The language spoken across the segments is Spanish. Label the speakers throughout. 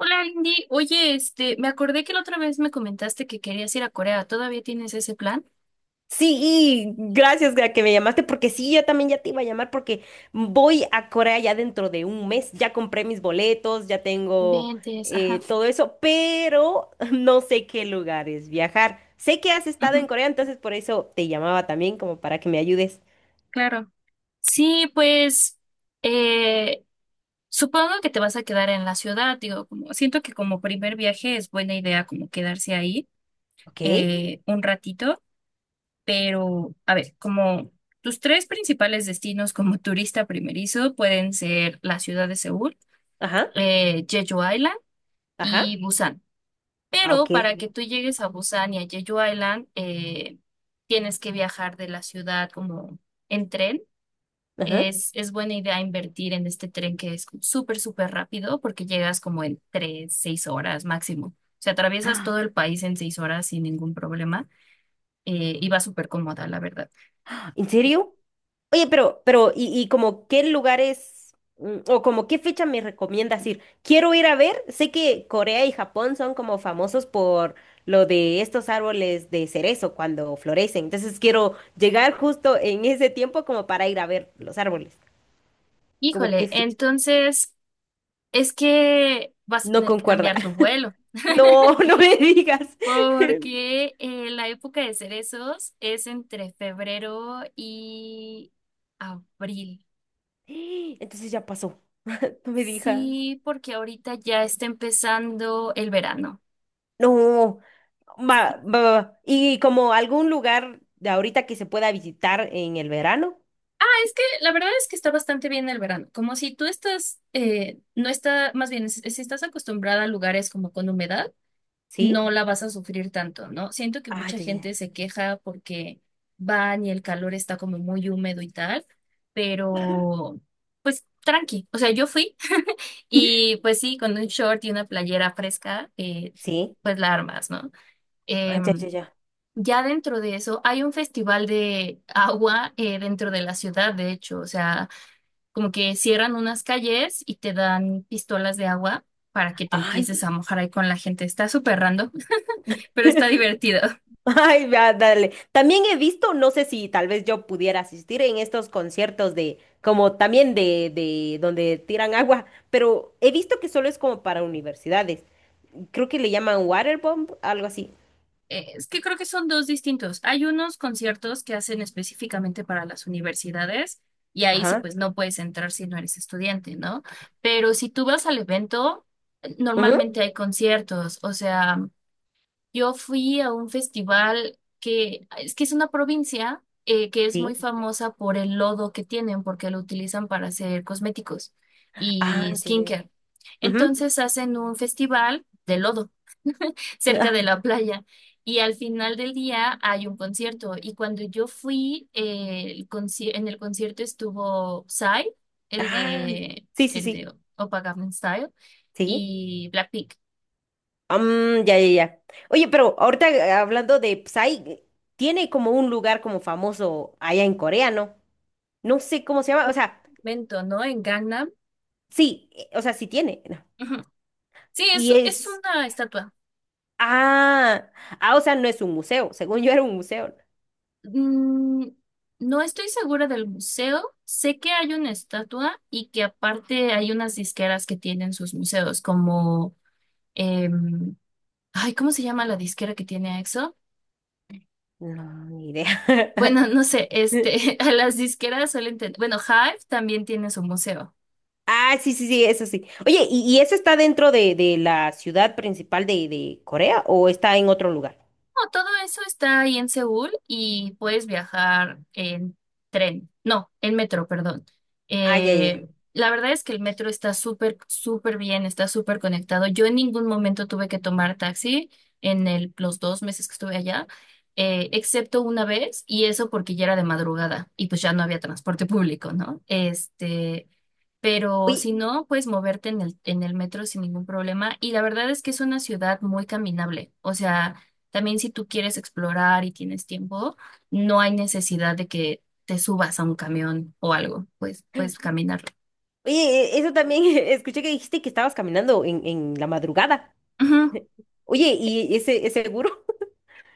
Speaker 1: Hola, Indy. Oye, me acordé que la otra vez me comentaste que querías ir a Corea. ¿Todavía tienes ese plan?
Speaker 2: Sí, y gracias a que me llamaste, porque sí, yo también ya te iba a llamar porque voy a Corea ya dentro de un mes, ya compré mis boletos, ya tengo
Speaker 1: Ventes, ajá.
Speaker 2: todo eso, pero no sé qué lugares viajar. Sé que has estado
Speaker 1: Ujú,
Speaker 2: en Corea, entonces por eso te llamaba también como para que me ayudes.
Speaker 1: claro. Sí, pues, eh, supongo que te vas a quedar en la ciudad. Digo, como, siento que como primer viaje es buena idea como quedarse ahí
Speaker 2: ¿Ok?
Speaker 1: un ratito, pero, a ver, como tus tres principales destinos como turista primerizo pueden ser la ciudad de Seúl,
Speaker 2: Ajá,
Speaker 1: Jeju Island
Speaker 2: ajá,
Speaker 1: y Busan.
Speaker 2: ah,
Speaker 1: Pero
Speaker 2: ok,
Speaker 1: para que tú llegues a Busan y a Jeju Island, tienes que viajar de la ciudad como en tren.
Speaker 2: ajá.
Speaker 1: Es buena idea invertir en este tren que es como súper, súper rápido porque llegas como en 3, 6 horas máximo. O sea, atraviesas todo el país en 6 horas sin ningún problema, y va súper cómoda, la verdad.
Speaker 2: Ah, ¿en serio? Oye, pero, y como qué lugares o como qué fecha me recomiendas ir. Quiero ir a ver, sé que Corea y Japón son como famosos por lo de estos árboles de cerezo cuando florecen. Entonces quiero llegar justo en ese tiempo como para ir a ver los árboles. Como qué
Speaker 1: Híjole,
Speaker 2: fecha.
Speaker 1: entonces es que vas a
Speaker 2: No
Speaker 1: tener que
Speaker 2: concuerda.
Speaker 1: cambiar tu vuelo.
Speaker 2: No, no me digas.
Speaker 1: Porque la época de cerezos es entre febrero y abril.
Speaker 2: Entonces ya pasó. No me digas.
Speaker 1: Sí, porque ahorita ya está empezando el verano.
Speaker 2: No. Va,
Speaker 1: Sí,
Speaker 2: va, va, va. Y como algún lugar de ahorita que se pueda visitar en el verano.
Speaker 1: es que la verdad es que está bastante bien el verano, como si tú estás, no está, más bien, si estás acostumbrada a lugares como con humedad.
Speaker 2: ¿Sí?
Speaker 1: No la vas a sufrir tanto, ¿no? Siento que
Speaker 2: Ah,
Speaker 1: mucha
Speaker 2: ya,
Speaker 1: gente
Speaker 2: ya.
Speaker 1: se queja porque van y el calor está como muy húmedo y tal, pero pues tranqui, o sea, yo fui y pues sí, con un short y una playera fresca,
Speaker 2: Sí.
Speaker 1: pues la armas, ¿no?
Speaker 2: Ah, ya,
Speaker 1: Em,
Speaker 2: ya, ya.
Speaker 1: ya dentro de eso hay un festival de agua, dentro de la ciudad, de hecho, o sea, como que cierran unas calles y te dan pistolas de agua, para que te
Speaker 2: Ay.
Speaker 1: empieces a mojar ahí con la gente. Está súper random, pero está divertido.
Speaker 2: Ay, va, dale. También he visto, no sé si tal vez yo pudiera asistir en estos conciertos de, como también de donde tiran agua, pero he visto que solo es como para universidades. Creo que le llaman waterbomb, algo así.
Speaker 1: Es que creo que son dos distintos. Hay unos conciertos que hacen específicamente para las universidades y ahí sí
Speaker 2: Ajá,
Speaker 1: pues no puedes entrar si no eres estudiante, ¿no? Pero si tú vas al evento,
Speaker 2: ujú,
Speaker 1: normalmente hay conciertos. O sea, yo fui a un festival que es una provincia, que es muy
Speaker 2: sí.
Speaker 1: famosa por el lodo que tienen porque lo utilizan para hacer cosméticos
Speaker 2: Ah,
Speaker 1: y
Speaker 2: ya, ya, ya,
Speaker 1: skincare.
Speaker 2: ujú.
Speaker 1: Entonces hacen un festival de lodo, cerca
Speaker 2: Ah,
Speaker 1: de la playa. Y al final del día hay un concierto. Y cuando yo fui, en el concierto estuvo Psy, el
Speaker 2: ah,
Speaker 1: de,
Speaker 2: sí, sí,
Speaker 1: el
Speaker 2: sí.
Speaker 1: de Oppa Gangnam Style,
Speaker 2: Sí.
Speaker 1: y Blackpink.
Speaker 2: Mm, ya, ya, ya. Oye, pero ahorita hablando de Psy, tiene como un lugar como famoso allá en Corea, ¿no? No sé cómo se llama,
Speaker 1: Mento, ¿no? En Gangnam.
Speaker 2: o sea, sí tiene. ¿No?
Speaker 1: Ujú. Sí, es,
Speaker 2: Y
Speaker 1: es
Speaker 2: es,
Speaker 1: una estatua.
Speaker 2: ah, ah, o sea, no es un museo, según yo era un museo.
Speaker 1: Mm, no estoy segura del museo. Sé que hay una estatua y que aparte hay unas disqueras que tienen sus museos, como... em, ay, ¿cómo se llama la disquera que tiene a EXO?
Speaker 2: No, no, ni idea.
Speaker 1: Bueno, no sé, este, a las disqueras suelen tener, bueno, Hive también tiene su museo.
Speaker 2: Ah, sí, sí, sí, eso sí. Oye, ¿y eso está dentro de la ciudad principal de Corea o está en otro lugar?
Speaker 1: No, todo eso está ahí en Seúl y puedes viajar en tren, no, en metro, perdón.
Speaker 2: Ah, ya, ya, ya.
Speaker 1: La verdad es que el metro está súper, súper bien, está súper conectado. Yo en ningún momento tuve que tomar taxi en los 2 meses que estuve allá, excepto una vez, y eso porque ya era de madrugada y pues ya no había transporte público, ¿no? Este, pero si
Speaker 2: Oye,
Speaker 1: no, puedes moverte en el metro sin ningún problema y la verdad es que es una ciudad muy caminable, o sea... También si tú quieres explorar y tienes tiempo, no hay necesidad de que te subas a un camión o algo, pues puedes caminar.
Speaker 2: eso también, escuché que dijiste que estabas caminando en la madrugada.
Speaker 1: Ujú.
Speaker 2: Oye, ¿y ese gurú?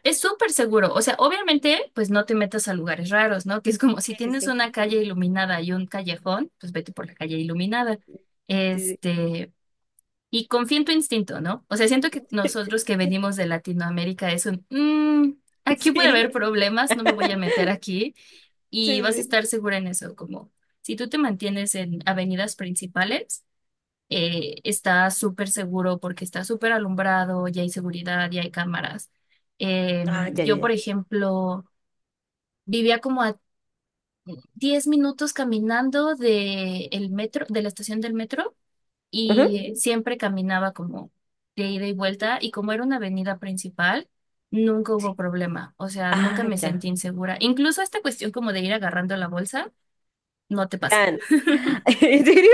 Speaker 1: Es súper seguro, o sea, obviamente, pues no te metas a lugares raros, ¿no? Que es como
Speaker 2: Sí,
Speaker 1: si
Speaker 2: sí,
Speaker 1: tienes una
Speaker 2: sí,
Speaker 1: calle iluminada y un callejón, pues vete por la calle iluminada.
Speaker 2: sí,
Speaker 1: Este, y confía en tu instinto, ¿no? O sea, siento que
Speaker 2: sí,
Speaker 1: nosotros que venimos de Latinoamérica es un, "Mm, aquí puede
Speaker 2: sí,
Speaker 1: haber problemas, no me voy a meter aquí
Speaker 2: sí,
Speaker 1: y vas a
Speaker 2: sí.
Speaker 1: estar segura en eso", como si tú te mantienes en avenidas principales, está súper seguro porque está súper alumbrado, ya hay seguridad, ya hay cámaras. Eh,
Speaker 2: Ah, ya, ya,
Speaker 1: yo, por
Speaker 2: ya.
Speaker 1: ejemplo, vivía como a 10 minutos caminando de el metro, de la estación del metro,
Speaker 2: Ujú.
Speaker 1: y siempre caminaba como de ida y vuelta y como era una avenida principal, nunca hubo problema, o sea, nunca
Speaker 2: Ah,
Speaker 1: me
Speaker 2: ya.
Speaker 1: sentí insegura. Incluso esta cuestión como de ir agarrando la bolsa, no te pasa.
Speaker 2: Ya. No. ¿En serio?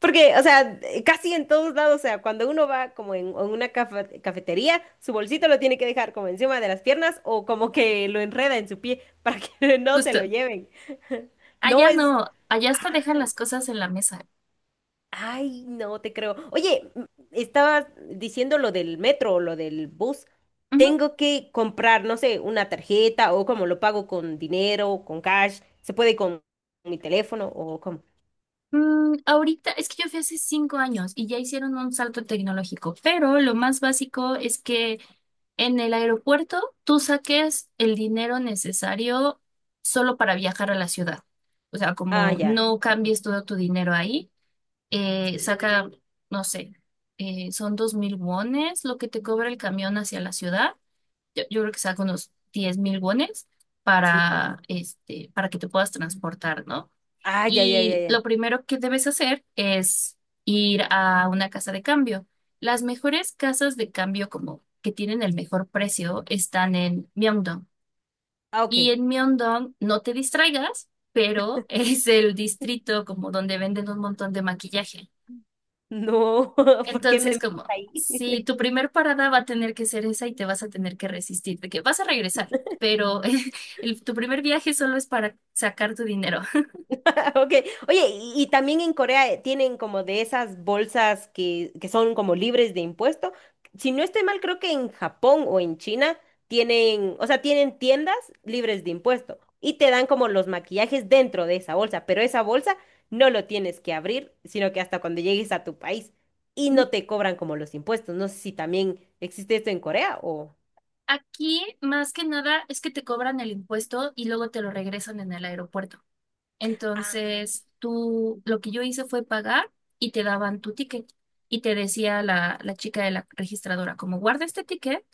Speaker 2: Porque, o sea, casi en todos lados, o sea, cuando uno va como en una cafetería, su bolsito lo tiene que dejar como encima de las piernas o como que lo enreda en su pie para que no se
Speaker 1: Justo,
Speaker 2: lo lleven. No
Speaker 1: allá
Speaker 2: es.
Speaker 1: no, allá hasta dejan
Speaker 2: Ah,
Speaker 1: las cosas en la mesa.
Speaker 2: ay, no te creo. Oye, estabas diciendo lo del metro o lo del bus.
Speaker 1: Ujú.
Speaker 2: Tengo que comprar, no sé, una tarjeta o cómo lo pago con dinero, con cash. ¿Se puede con mi teléfono o cómo?
Speaker 1: Ahorita es que yo fui hace 5 años y ya hicieron un salto tecnológico, pero lo más básico es que en el aeropuerto tú saques el dinero necesario solo para viajar a la ciudad. O sea,
Speaker 2: Ah,
Speaker 1: como
Speaker 2: ya.
Speaker 1: no
Speaker 2: Ok.
Speaker 1: cambies todo tu dinero ahí,
Speaker 2: Sí.
Speaker 1: saca, no sé, son 2000 wones lo que te cobra el camión hacia la ciudad. Yo creo que saca unos 10 000 wones
Speaker 2: Sí.
Speaker 1: para, este, para que te puedas transportar, ¿no?
Speaker 2: Ah, ya, ya, ya,
Speaker 1: Y
Speaker 2: ya.
Speaker 1: lo primero que debes hacer es ir a una casa de cambio. Las mejores casas de cambio como que tienen el mejor precio están en Myeongdong.
Speaker 2: Ah, ok.
Speaker 1: Y en Myeongdong, no te distraigas, pero es el distrito como donde venden un montón de maquillaje.
Speaker 2: No, ¿por qué me
Speaker 1: Entonces,
Speaker 2: envías
Speaker 1: como
Speaker 2: ahí?
Speaker 1: si tu primer parada va a tener que ser esa y te vas a tener que resistir, de que vas a regresar, pero tu primer viaje solo es para sacar tu dinero.
Speaker 2: Ok, oye, y también en Corea tienen como de esas bolsas que son como libres de impuesto. Si no estoy mal, creo que en Japón o en China tienen, o sea, tienen tiendas libres de impuesto y te dan como los maquillajes dentro de esa bolsa, pero esa bolsa no lo tienes que abrir, sino que hasta cuando llegues a tu país y no te cobran como los impuestos. No sé si también existe esto en Corea o.
Speaker 1: Aquí, más que nada, es que te cobran el impuesto y luego te lo regresan en el aeropuerto.
Speaker 2: Ah.
Speaker 1: Entonces, tú, lo que yo hice fue pagar y te daban tu ticket. Y te decía la chica de la registradora, como guarda este ticket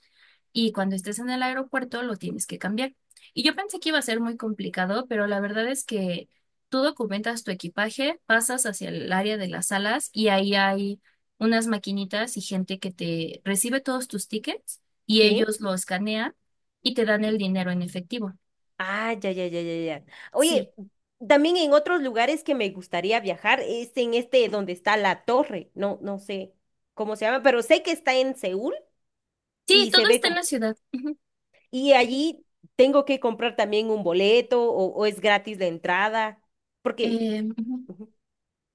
Speaker 1: y cuando estés en el aeropuerto lo tienes que cambiar. Y yo pensé que iba a ser muy complicado, pero la verdad es que tú documentas tu equipaje, pasas hacia el área de las salas y ahí hay unas maquinitas y gente que te recibe todos tus tickets y
Speaker 2: ¿Sí?
Speaker 1: ellos lo escanean y te dan el dinero en efectivo.
Speaker 2: Ah, ya, ya, ya, ya, ya. Oye,
Speaker 1: Sí,
Speaker 2: también en otros lugares que me gustaría viajar es en este donde está la torre. No, no sé cómo se llama, pero sé que está en Seúl
Speaker 1: sí,
Speaker 2: y
Speaker 1: todo
Speaker 2: se ve
Speaker 1: está en
Speaker 2: como.
Speaker 1: la ciudad. Ujú.
Speaker 2: Y allí tengo que comprar también un boleto o es gratis la entrada, porque
Speaker 1: Ujú.
Speaker 2: ujú,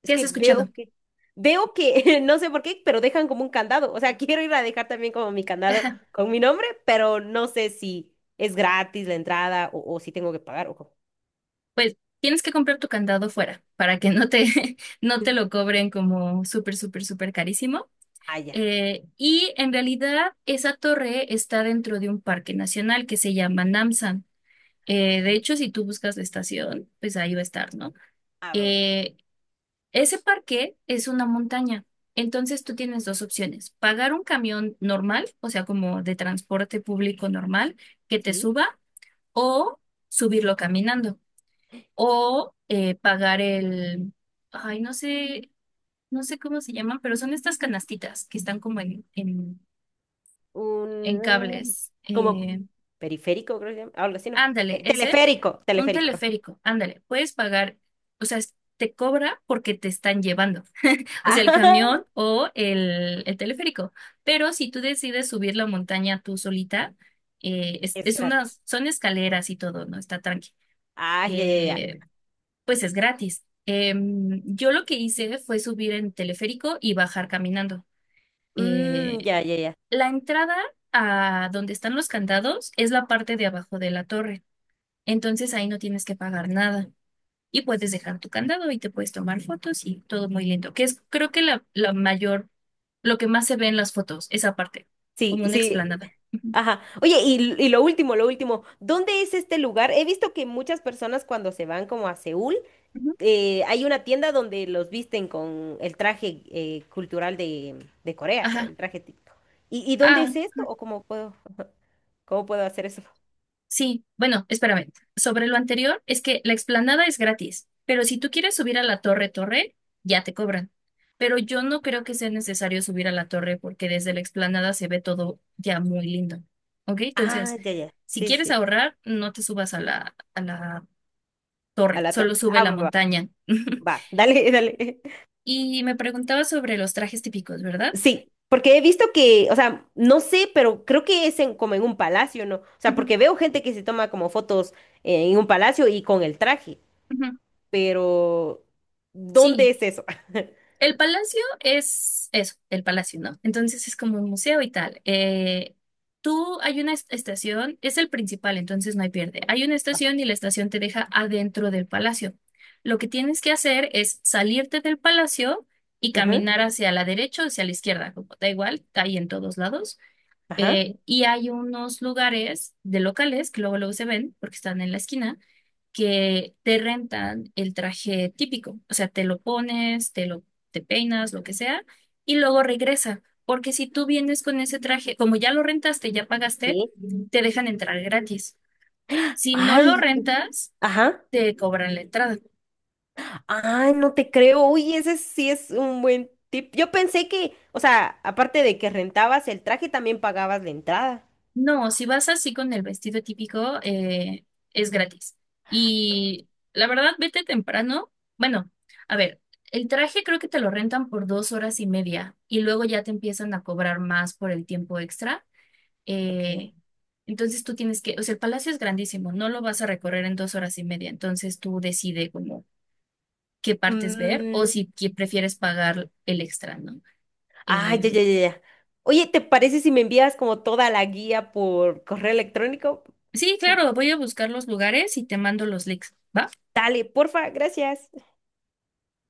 Speaker 2: es
Speaker 1: ¿Qué has
Speaker 2: que
Speaker 1: escuchado?
Speaker 2: veo que no sé por qué, pero dejan como un candado. O sea, quiero ir a dejar también como mi candado
Speaker 1: Ajá.
Speaker 2: con mi nombre, pero no sé si es gratis la entrada o si tengo que pagar o cómo.
Speaker 1: Pues tienes que comprar tu candado fuera para que no te, no te lo cobren como súper, súper, súper carísimo.
Speaker 2: Ah, ya.
Speaker 1: Y en realidad esa torre está dentro de un parque nacional que se llama Namsan. De
Speaker 2: Ok.
Speaker 1: hecho, si tú buscas la estación, pues ahí va a estar, ¿no?
Speaker 2: Ah, va, va, va.
Speaker 1: Eh, Ese parque es una montaña. Entonces tú tienes dos opciones, pagar un camión normal, o sea, como de transporte público normal, que te
Speaker 2: ¿Sí?
Speaker 1: suba, o subirlo caminando, o pagar el, ay, no sé, no sé cómo se llaman, pero son estas canastitas que están como en
Speaker 2: Un
Speaker 1: cables.
Speaker 2: como periférico, creo que se llama. Algo así, ¿no?
Speaker 1: Ándale, ese,
Speaker 2: Teleférico,
Speaker 1: un
Speaker 2: teleférico.
Speaker 1: teleférico, ándale, puedes pagar, o sea, te cobra porque te están llevando, o sea, el
Speaker 2: Ah,
Speaker 1: camión o el teleférico. Pero si tú decides subir la montaña tú solita,
Speaker 2: es gratis.
Speaker 1: son escaleras y todo, ¿no? Está tranqui.
Speaker 2: Ah, ya, ya, ya.
Speaker 1: Eh, pues es gratis. Yo lo que hice fue subir en teleférico y bajar caminando.
Speaker 2: Mm,
Speaker 1: Eh,
Speaker 2: ya, ya, ya.
Speaker 1: La entrada a donde están los candados es la parte de abajo de la torre. Entonces ahí no tienes que pagar nada y puedes dejar tu candado y te puedes tomar fotos y todo muy lindo, que es creo que la mayor, lo que más se ve en las fotos, esa parte,
Speaker 2: Sí,
Speaker 1: como una
Speaker 2: sí.
Speaker 1: explanada. Ujú.
Speaker 2: Ajá. Oye, y lo último, lo último. ¿Dónde es este lugar? He visto que muchas personas cuando se van como a Seúl,
Speaker 1: Ujú.
Speaker 2: hay una tienda donde los visten con el traje cultural de Corea o
Speaker 1: Ajá.
Speaker 2: el traje típico. ¿Y dónde
Speaker 1: Ah,
Speaker 2: es esto? ¿O cómo puedo hacer eso?
Speaker 1: sí, bueno, espérame. Sobre lo anterior, es que la explanada es gratis, pero si tú quieres subir a la torre, torre, ya te cobran. Pero yo no creo que sea necesario subir a la torre porque desde la explanada se ve todo ya muy lindo. ¿Ok? Entonces,
Speaker 2: Ah, ya, ya.
Speaker 1: si
Speaker 2: Sí,
Speaker 1: quieres
Speaker 2: sí.
Speaker 1: ahorrar, no te subas a la
Speaker 2: A
Speaker 1: torre,
Speaker 2: la torre.
Speaker 1: solo sube
Speaker 2: Ah,
Speaker 1: la
Speaker 2: va, va,
Speaker 1: montaña.
Speaker 2: va. Dale, dale.
Speaker 1: Y me preguntaba sobre los trajes típicos, ¿verdad?
Speaker 2: Sí, porque he visto que, o sea, no sé, pero creo que es como en un palacio, ¿no? O sea,
Speaker 1: Ujú,
Speaker 2: porque veo gente que se toma como fotos en un palacio y con el traje,
Speaker 1: ujú.
Speaker 2: pero ¿dónde
Speaker 1: Sí.
Speaker 2: es eso?
Speaker 1: El palacio es eso, el palacio, ¿no? Entonces es como un museo y tal. Tú hay una estación, es el principal, entonces no hay pierde. Hay una
Speaker 2: Ok.
Speaker 1: estación y la estación te deja adentro del palacio. Lo que tienes que hacer es salirte del palacio y
Speaker 2: Ujú,
Speaker 1: caminar hacia la derecha o hacia la izquierda, como da igual, hay en todos lados.
Speaker 2: ajá.
Speaker 1: Y hay unos lugares de locales que luego luego se ven porque están en la esquina, que te rentan el traje típico, o sea, te lo pones, te peinas, lo que sea, y luego regresa, porque si tú vienes con ese traje, como ya lo rentaste, ya pagaste,
Speaker 2: Sí.
Speaker 1: te dejan entrar gratis. Si no lo
Speaker 2: Ay,
Speaker 1: rentas,
Speaker 2: ajá.
Speaker 1: te cobran la entrada.
Speaker 2: Ay, no te creo. Uy, ese sí es un buen tip. Yo pensé que, o sea, aparte de que rentabas el traje, también pagabas la entrada.
Speaker 1: No, si vas así con el vestido típico, es gratis. Y la verdad, vete temprano. Bueno, a ver, el traje creo que te lo rentan por 2 horas y media y luego ya te empiezan a cobrar más por el tiempo extra.
Speaker 2: Ok.
Speaker 1: Eh, entonces tú tienes que, o sea, el palacio es grandísimo, no lo vas a recorrer en 2 horas y media, entonces tú decides como qué partes ver o
Speaker 2: Mm,
Speaker 1: si prefieres pagar el extra, ¿no?
Speaker 2: ah, ya,
Speaker 1: Eh,
Speaker 2: ya, ya, ya. Oye, ¿te parece si me envías como toda la guía por correo electrónico?
Speaker 1: sí, claro, voy a buscar los lugares y te mando los links, ¿va?
Speaker 2: Dale, porfa, gracias.